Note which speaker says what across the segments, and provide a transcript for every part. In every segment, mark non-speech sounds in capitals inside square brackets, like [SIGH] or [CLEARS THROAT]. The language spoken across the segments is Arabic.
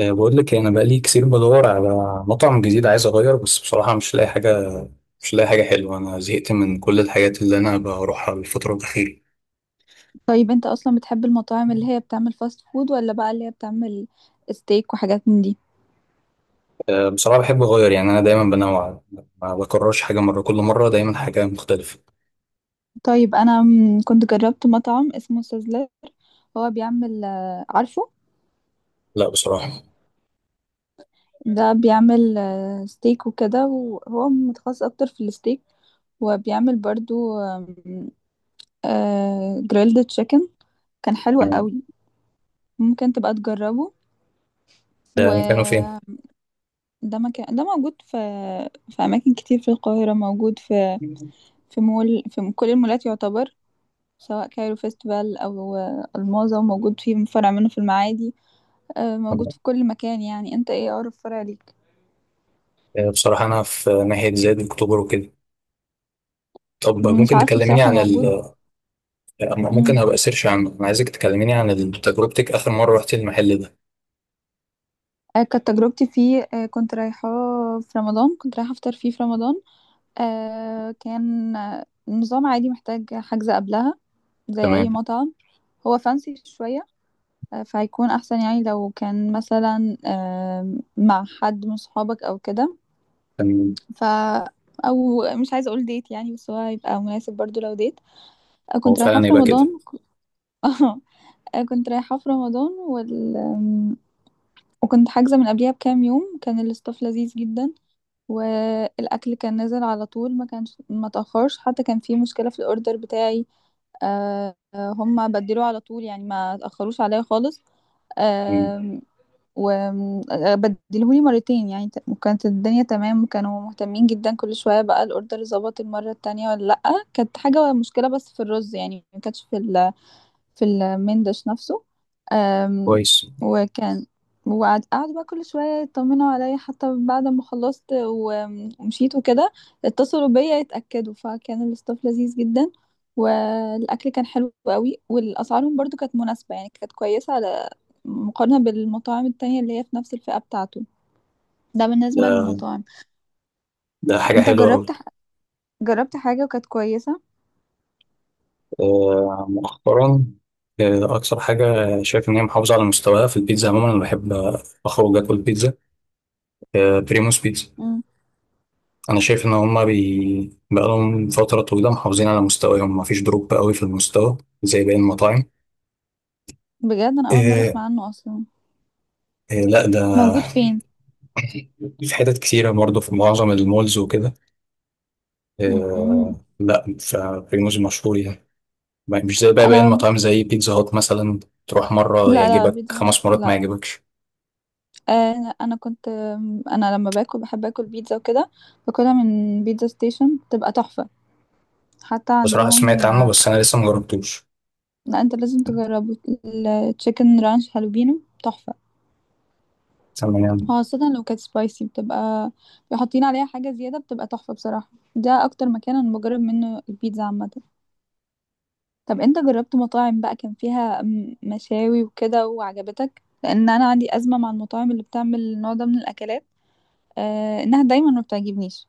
Speaker 1: بقول لك إيه، انا بقالي كتير بدور على مطعم جديد عايز اغير، بس بصراحه مش لاقي حاجه، مش لاقي حاجه حلوه. انا زهقت من كل الحاجات اللي انا بروحها الفتره الاخيره.
Speaker 2: طيب انت اصلا بتحب المطاعم اللي هي بتعمل فاست فود ولا بقى اللي هي بتعمل ستيك وحاجات من دي؟
Speaker 1: بصراحه بحب اغير، يعني انا دايما بنوع، ما بكررش حاجه مره، كل مره دايما حاجه مختلفه.
Speaker 2: طيب انا كنت جربت مطعم اسمه سيزلر. هو بيعمل عارفه؟
Speaker 1: لا بصراحه.
Speaker 2: ده بيعمل ستيك وكده، وهو متخصص اكتر في الستيك، وبيعمل برضو جريلد تشيكن. كان حلو
Speaker 1: يعني
Speaker 2: قوي. ممكن تبقى تجربه.
Speaker 1: ده مكانه فين؟
Speaker 2: وده مكان، ده موجود في اماكن كتير في القاهره، موجود في مول، في كل المولات يعتبر، سواء كايرو فيستيفال أو الماظة، وموجود فيه فرع منه في المعادي. موجود في كل مكان. يعني انت ايه أقرب فرع ليك؟
Speaker 1: بصراحه انا في ناحيه زايد اكتوبر وكده. طب
Speaker 2: مش
Speaker 1: ممكن
Speaker 2: عارفة
Speaker 1: تكلميني
Speaker 2: بصراحة،
Speaker 1: عن ال
Speaker 2: موجود.
Speaker 1: ممكن
Speaker 2: مم.
Speaker 1: هبقى سيرش عنه. انا عايزك تكلميني عن تجربتك اخر مره رحت المحل ده.
Speaker 2: كانت تجربتي فيه، كنت رايحة في رمضان، كنت رايحة أفطر فيه في رمضان. كان النظام عادي، محتاج حجز قبلها زي أي
Speaker 1: تمام.
Speaker 2: مطعم. هو فانسي شوية. فهيكون أحسن، يعني لو كان مثلا مع حد من صحابك أو كده.
Speaker 1: تمام.
Speaker 2: ف او مش عايزه اقول ديت يعني، بس هو هيبقى مناسب برضو لو ديت.
Speaker 1: هو
Speaker 2: كنت رايحه
Speaker 1: فعلا
Speaker 2: في
Speaker 1: يبقى
Speaker 2: رمضان.
Speaker 1: كده.
Speaker 2: [LAUGHS] اه كنت رايحه في رمضان وكنت حاجزه من قبليها بكام يوم. كان الاستاف لذيذ جدا، والاكل كان نازل على طول، ما كانش ما تاخرش. حتى كان في مشكله في الاوردر بتاعي، هم بدلوه على طول، يعني ما تاخروش عليا خالص، وبدلهولي مرتين. يعني وكانت الدنيا تمام، وكانوا مهتمين جدا كل شوية، بقى الأوردر ظبط المرة التانية ولا لأ. كانت حاجة مشكلة بس في الرز، يعني ما كانتش في المندش نفسه. أم،
Speaker 1: كويس.
Speaker 2: وكان وقعد بقى كل شوية يطمنوا عليا حتى بعد ما خلصت و- ومشيت وكده، اتصلوا بيا يتأكدوا. فكان الاستاف لذيذ جدا، والأكل كان حلو قوي، والأسعارهم برضو كانت مناسبة، يعني كانت كويسة على مقارنة بالمطاعم التانية اللي هي في نفس الفئة بتاعته. ده بالنسبة
Speaker 1: ده،
Speaker 2: للمطاعم.
Speaker 1: ده حاجة
Speaker 2: انت
Speaker 1: حلوة
Speaker 2: جربت
Speaker 1: أوي.
Speaker 2: جربت حاجة وكانت كويسة؟
Speaker 1: آه، مؤخرا. آه، أكثر حاجة شايف إن هي محافظة على مستواها في البيتزا. عموما أنا بحب أخرج آكل بيتزا. آه، بريموس بيتزا.
Speaker 2: مم.
Speaker 1: أنا شايف إن هما بقالهم فترة طويلة محافظين على مستواهم، مفيش دروب قوي في المستوى زي باقي المطاعم.
Speaker 2: بجد أنا أول مرة
Speaker 1: آه،
Speaker 2: أسمع عنه أصلا.
Speaker 1: آه، لا ده
Speaker 2: موجود فين؟
Speaker 1: في حتت كتيرة برضه، في معظم المولز وكده.
Speaker 2: مم.
Speaker 1: آه، لا فبريموس مشهور يعني، مش زي بقى باقي
Speaker 2: انا،
Speaker 1: المطاعم زي بيتزا هات مثلا. تروح مرة
Speaker 2: لا، لا،
Speaker 1: يعجبك،
Speaker 2: بيتزا هات
Speaker 1: خمس مرات ما
Speaker 2: لا.
Speaker 1: يعجبكش.
Speaker 2: انا كنت آم، انا لما باكل بحب اكل بيتزا وكده، باكلها من بيتزا ستيشن، بتبقى تحفة. حتى
Speaker 1: بصراحة سمعت
Speaker 2: عندهم.
Speaker 1: عنه بس أنا لسه مجربتوش.
Speaker 2: لا، انت لازم تجربه. التشيكن رانش هالوبينو تحفة،
Speaker 1: تمام.
Speaker 2: خاصة لو كانت سبايسي، بتبقى بيحطين عليها حاجة زيادة، بتبقى تحفة بصراحة. ده اكتر مكان انا بجرب منه البيتزا عامة. طب انت جربت مطاعم بقى كان فيها مشاوي وكده وعجبتك؟ لان انا عندي أزمة مع المطاعم اللي بتعمل النوع ده من الاكلات، انها دايما ما بتعجبنيش.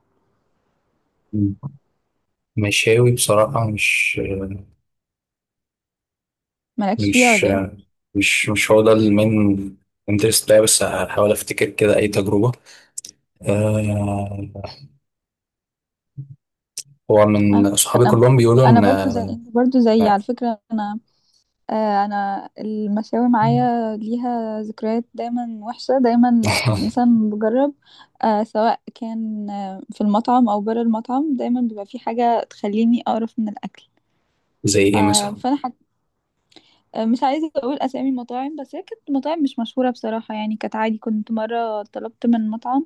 Speaker 1: مشاوي بصراحة
Speaker 2: مالكش فيها
Speaker 1: مش
Speaker 2: ولا ايه؟
Speaker 1: مش مش هو ده المين انترست بتاعي، بس هحاول أفتكر كده أي تجربة. آه، هو
Speaker 2: انا
Speaker 1: من صحابي
Speaker 2: انا
Speaker 1: كلهم بيقولوا
Speaker 2: أنا
Speaker 1: إن
Speaker 2: برضو زي
Speaker 1: آه،
Speaker 2: انت، برضو زي، على فكرة، انا المشاوي معايا ليها ذكريات دايما وحشة، دايما
Speaker 1: [LAUGHS]
Speaker 2: مثلا بجرب، سواء كان في المطعم او بره المطعم، دايما بيبقى في حاجة تخليني اقرف من الاكل.
Speaker 1: زي
Speaker 2: ف-
Speaker 1: إيه مثلا؟
Speaker 2: فانا حك... آه، مش عايزة اقول اسامي مطاعم، بس هي كانت مطاعم مش مشهورة بصراحة، يعني كانت عادي. كنت مرة طلبت من مطعم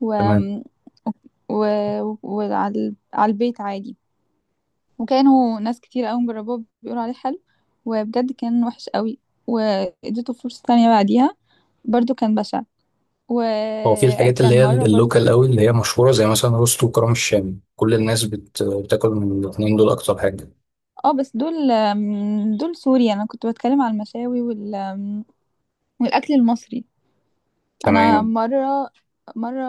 Speaker 2: و...
Speaker 1: تمام.
Speaker 2: وعلى البيت عادي، وكانوا ناس كتير قوي مجربوه بيقولوا عليه حلو، وبجد كان وحش قوي. واديته فرصة تانية بعديها، برضو كان بشع.
Speaker 1: هو في الحاجات اللي
Speaker 2: وكان
Speaker 1: هي
Speaker 2: مرة برضو.
Speaker 1: اللوكال قوي، اللي هي مشهورة زي مثلا روستو وكرم الشام، كل الناس بتاكل من الاتنين دول أكتر حاجة.
Speaker 2: اه بس دول سوري، انا كنت بتكلم على المشاوي والاكل المصري. انا
Speaker 1: تمام.
Speaker 2: مرة، مرة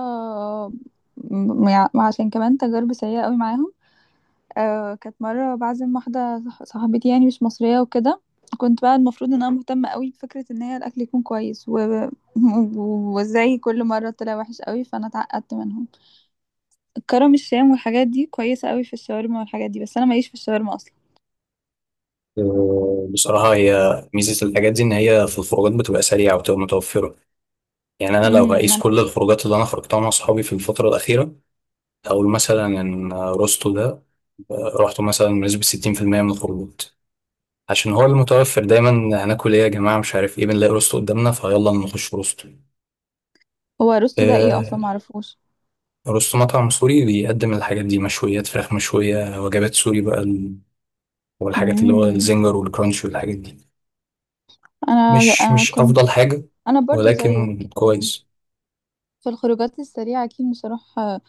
Speaker 2: م- عشان كمان تجارب سيئة قوي معاهم. كانت مرة بعزم واحدة صاحبتي، يعني مش مصرية وكده. كنت بقى المفروض ان انا مهتمة قوي بفكرة ان هي الاكل يكون كويس [LAUGHS] وازاي كل مرة طلع وحش قوي، فانا اتعقدت منهم. كرم الشام والحاجات دي كويسة قوي في الشاورما والحاجات دي، بس انا ماليش في الشاورما اصلا.
Speaker 1: بصراحة هي ميزة الحاجات دي إن هي في الخروجات بتبقى سريعة وبتبقى متوفرة. يعني أنا لو
Speaker 2: ما
Speaker 1: هقيس
Speaker 2: انا
Speaker 1: كل الخروجات اللي أنا خرجتها مع صحابي في الفترة الأخيرة، هقول مثلا إن روستو ده، آه، روحته مثلا بنسبة 60% من الخروجات، عشان هو المتوفر دايما. هناكل إيه يا جماعة؟ مش عارف إيه، بنلاقي روستو قدامنا فيلا نخش روستو.
Speaker 2: هو رستو ده ايه
Speaker 1: آه،
Speaker 2: اصلا، معرفوش؟
Speaker 1: روستو مطعم سوري بيقدم الحاجات دي، مشويات، فراخ مشوية، وجبات سوري بقى والحاجات اللي هو
Speaker 2: امم
Speaker 1: الزنجر والكرانش والحاجات دي.
Speaker 2: انا
Speaker 1: مش
Speaker 2: انا
Speaker 1: مش
Speaker 2: كنت
Speaker 1: أفضل حاجة
Speaker 2: انا برضو زيك،
Speaker 1: ولكن
Speaker 2: يعني
Speaker 1: كويس.
Speaker 2: في الخروجات السريعة، أكيد مش هروح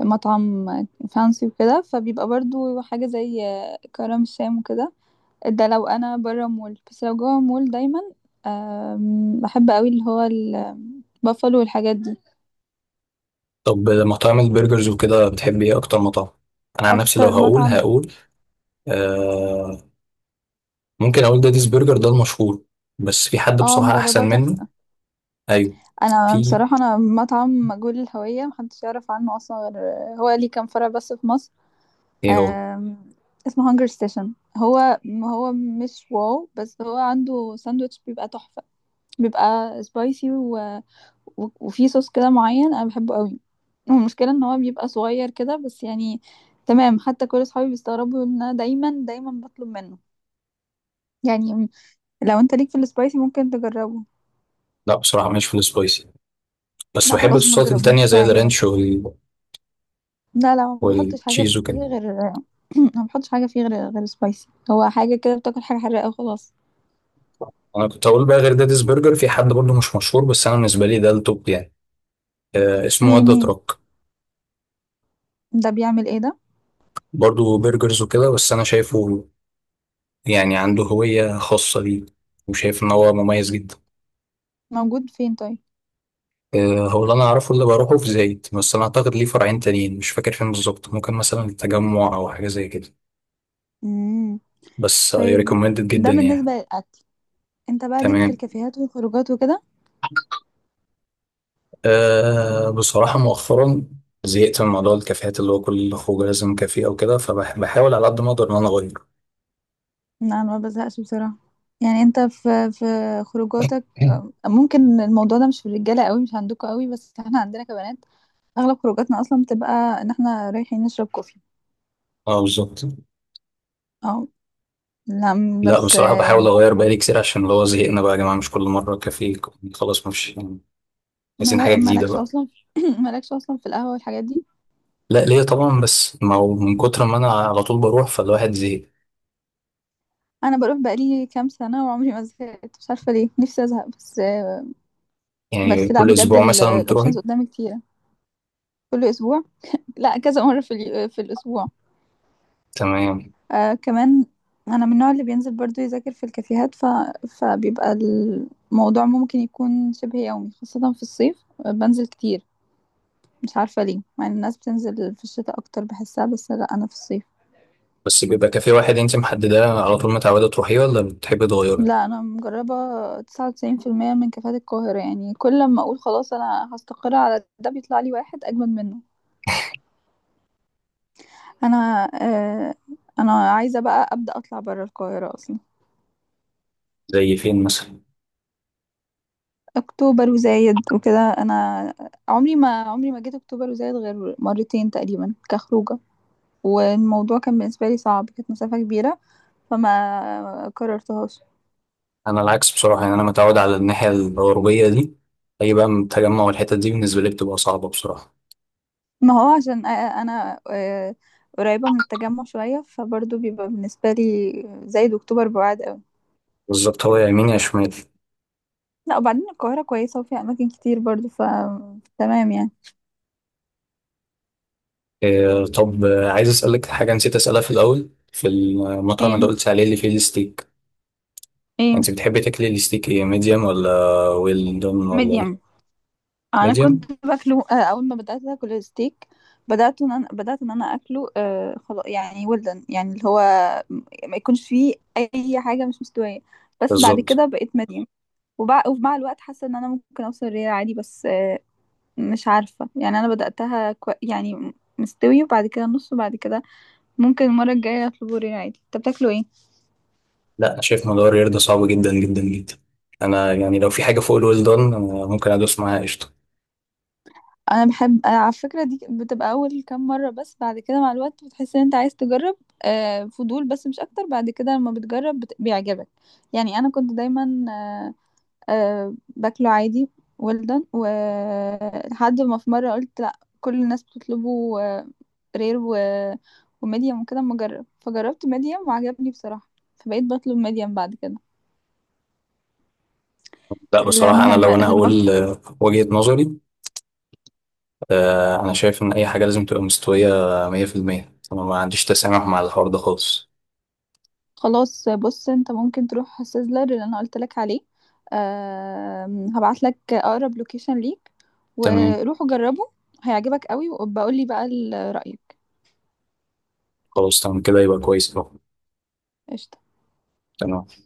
Speaker 2: مطعم فانسي وكده، فبيبقى برضو حاجة زي كرم الشام وكده، ده لو انا بره مول. بس لو جوه مول دايما بحب قوي اللي هو البافلو والحاجات دي.
Speaker 1: طب مطاعم البرجرز وكده بتحب ايه اكتر مطعم؟ انا عن نفسي لو
Speaker 2: اكتر
Speaker 1: هقول،
Speaker 2: مطعم؟
Speaker 1: هقول آه، ممكن اقول داديز برجر ده المشهور، بس في حد
Speaker 2: اه،
Speaker 1: بصراحة احسن
Speaker 2: مجرباه،
Speaker 1: منه.
Speaker 2: تحفه.
Speaker 1: ايوه.
Speaker 2: انا
Speaker 1: في
Speaker 2: بصراحه، انا مطعم مجهول الهويه محدش يعرف عنه اصلا غير، هو ليه كام فرع بس في مصر.
Speaker 1: ايه هو؟
Speaker 2: أم، اسمه هانجر ستيشن. هو هو مش واو، بس هو عنده ساندوتش بيبقى تحفه، بيبقى سبايسي، و- وفي صوص كده معين انا بحبه قوي، والمشكله ان هو بيبقى صغير كده بس، يعني تمام. حتى كل اصحابي بيستغربوا ان انا دايما دايما بطلب منه. يعني لو انت ليك في السبايسي ممكن تجربه.
Speaker 1: لا بصراحة مش في السبايسي، بس
Speaker 2: لا
Speaker 1: بحب
Speaker 2: خلاص، ما
Speaker 1: الصوصات
Speaker 2: تجربوش،
Speaker 1: التانية
Speaker 2: مش
Speaker 1: زي
Speaker 2: هيعجبك.
Speaker 1: الرانش وال...
Speaker 2: لا، لا، ما بيحطش حاجه
Speaker 1: والتشيز
Speaker 2: فيه
Speaker 1: وكده.
Speaker 2: غير [CLEARS THROAT] ما بيحطش حاجه فيه غير سبايسي، هو حاجه كده، بتاكل حاجه حراقه وخلاص.
Speaker 1: انا كنت هقول بقى غير داديز برجر في حد برضه مش مشهور بس انا بالنسبة لي ده التوب يعني. آه اسمه
Speaker 2: ايه؟
Speaker 1: ودا
Speaker 2: مين؟
Speaker 1: تراك.
Speaker 2: ده بيعمل ايه ده؟
Speaker 1: برضه برجرز وكده، بس انا شايفه يعني عنده هوية خاصة ليه، وشايف ان هو مميز جدا.
Speaker 2: موجود فين طيب؟
Speaker 1: آه، هو اللي انا اعرفه اللي بروحه في زايد، بس انا اعتقد ليه فرعين تانيين مش فاكر فين بالظبط، ممكن مثلا التجمع او حاجه زي كده.
Speaker 2: امم.
Speaker 1: بس اي
Speaker 2: طيب،
Speaker 1: ريكومندد
Speaker 2: ده
Speaker 1: جدا يعني.
Speaker 2: بالنسبه للاكل. انت بقى ليك في
Speaker 1: تمام.
Speaker 2: الكافيهات والخروجات وكده؟
Speaker 1: أه بصراحه مؤخرا زهقت من موضوع الكافيهات، اللي هو كل خروج لازم كافيه او كده، فبحاول على قد ما اقدر ان انا اغير.
Speaker 2: لا، انا ما بزهقش بصراحه، يعني انت في خروجاتك،
Speaker 1: [LAUGHS]
Speaker 2: ممكن الموضوع ده مش في الرجاله قوي، مش عندكم قوي، بس احنا عندنا كبنات، اغلب خروجاتنا اصلا بتبقى ان احنا رايحين نشرب كوفي.
Speaker 1: اه بالظبط.
Speaker 2: اه. لا،
Speaker 1: لا
Speaker 2: بس
Speaker 1: بصراحه بحاول اغير بقالي كتير، عشان اللي هو زهقنا بقى يا جماعه، مش كل مره كافيه، خلاص، مش عايزين حاجه جديده
Speaker 2: مالكش
Speaker 1: بقى.
Speaker 2: اصلا [CLEARS THROAT] مالكش اصلا في القهوه والحاجات دي؟
Speaker 1: لا ليه طبعا، بس ما هو من كتر ما انا على طول بروح فالواحد زهق.
Speaker 2: انا بروح بقالي كام سنه، وعمري ما زهقت، مش عارفه ليه، نفسي ازهق، بس
Speaker 1: يعني
Speaker 2: بس لا،
Speaker 1: كل
Speaker 2: بجد
Speaker 1: اسبوع مثلا بتروحي؟
Speaker 2: الاوبشنز قدامي كتيره. كل اسبوع؟ لا، كذا مره في الاسبوع.
Speaker 1: تمام.
Speaker 2: آه كمان، انا من النوع اللي بينزل برضو يذاكر في الكافيهات، فبيبقى الموضوع ممكن يكون شبه يومي، خاصة في الصيف. بنزل كتير، مش عارفة ليه، مع ان الناس بتنزل في الشتاء اكتر بحسها، بس لا، انا في الصيف.
Speaker 1: بس بيبقى كافيه واحد انت محدده على طول متعوده تروحيه، ولا بتحبي تغيري؟
Speaker 2: لا، انا مجربة 99% من كافيهات القاهرة، يعني كل ما اقول خلاص انا هستقر على ده، بيطلع لي واحد اجمد منه. انا آه انا عايزة بقى ابدأ اطلع برا القاهرة اصلا.
Speaker 1: زي فين مثلا؟
Speaker 2: اكتوبر وزايد وكده. انا عمري ما جيت اكتوبر وزايد غير مرتين تقريبا كخروجه، والموضوع كان بالنسبه لي صعب، كانت مسافه كبيره، فما قررتهاش.
Speaker 1: انا العكس بصراحه، يعني انا متعود على الناحيه الغربيه دي، اي بقى من التجمع والحتت دي بالنسبه لي بتبقى صعبه بصراحه.
Speaker 2: ما هو عشان انا قريبه من التجمع شويه، فبرضه بيبقى بالنسبه لي زايد واكتوبر بعاد قوي.
Speaker 1: بالظبط، هو يا يمين يا شمال.
Speaker 2: لا وبعدين، القاهره كويسه وفيها اماكن كتير برضه، تمام يعني.
Speaker 1: إيه طب آه، عايز اسالك حاجه نسيت اسالها في الاول، في المطعم اللي
Speaker 2: ايه؟
Speaker 1: قلت عليه اللي فيه الستيك،
Speaker 2: ايه؟
Speaker 1: انت بتحبي تاكلي الستيك ايه، ميديوم ولا ويل دون ولا
Speaker 2: ميديم.
Speaker 1: ايه؟
Speaker 2: انا
Speaker 1: ميديوم.
Speaker 2: كنت باكله اول ما بدات اكل الستيك، بدات ان انا اكله خلاص، يعني ولدن، يعني اللي هو ما يكونش فيه اي حاجه مش مستويه، بس بعد
Speaker 1: بالظبط.
Speaker 2: كده بقيت مريم. ومع الوقت حاسه ان انا ممكن اوصل ريال عادي، بس مش عارفه يعني، انا بداتها يعني مستوي، وبعد كده نص، وبعد كده ممكن المره الجايه اطلبه ريال عادي. انت بتاكله ايه؟
Speaker 1: لا أنا شايف موضوع الرياضة ده صعب جدا جدا جدا. أنا يعني لو في حاجة فوق الويل دون أنا ممكن أدوس معاها قشطة.
Speaker 2: انا بحب أنا على فكره، دي بتبقى اول كام مره، بس بعد كده مع الوقت بتحس ان انت عايز تجرب، فضول بس مش اكتر، بعد كده لما بتجرب بيعجبك. يعني انا كنت دايما باكله عادي ولدن، ولحد ما في مره قلت لا، كل الناس بتطلبه رير و... وميديم وكده، اما اجرب، فجربت ميديم وعجبني بصراحه، فبقيت بطلب ميديم بعد كده.
Speaker 1: لا بصراحة أنا
Speaker 2: المهم
Speaker 1: لو أنا
Speaker 2: المطعم.
Speaker 1: هقول آه، وجهة نظري، آه، أنا شايف إن أي حاجة لازم تبقى مستوية 100%. أنا ما عنديش تسامح مع الحوار ده خالص.
Speaker 2: خلاص بص، انت ممكن تروح سيزلر اللي انا قلت لك عليه، أه هبعت لك اقرب لوكيشن ليك،
Speaker 1: تمام.
Speaker 2: وروح جربه، هيعجبك قوي، وبقول لي بقى رأيك.
Speaker 1: خلاص تمام كده، يبقى كويس أهو.
Speaker 2: قشطة.
Speaker 1: تمام.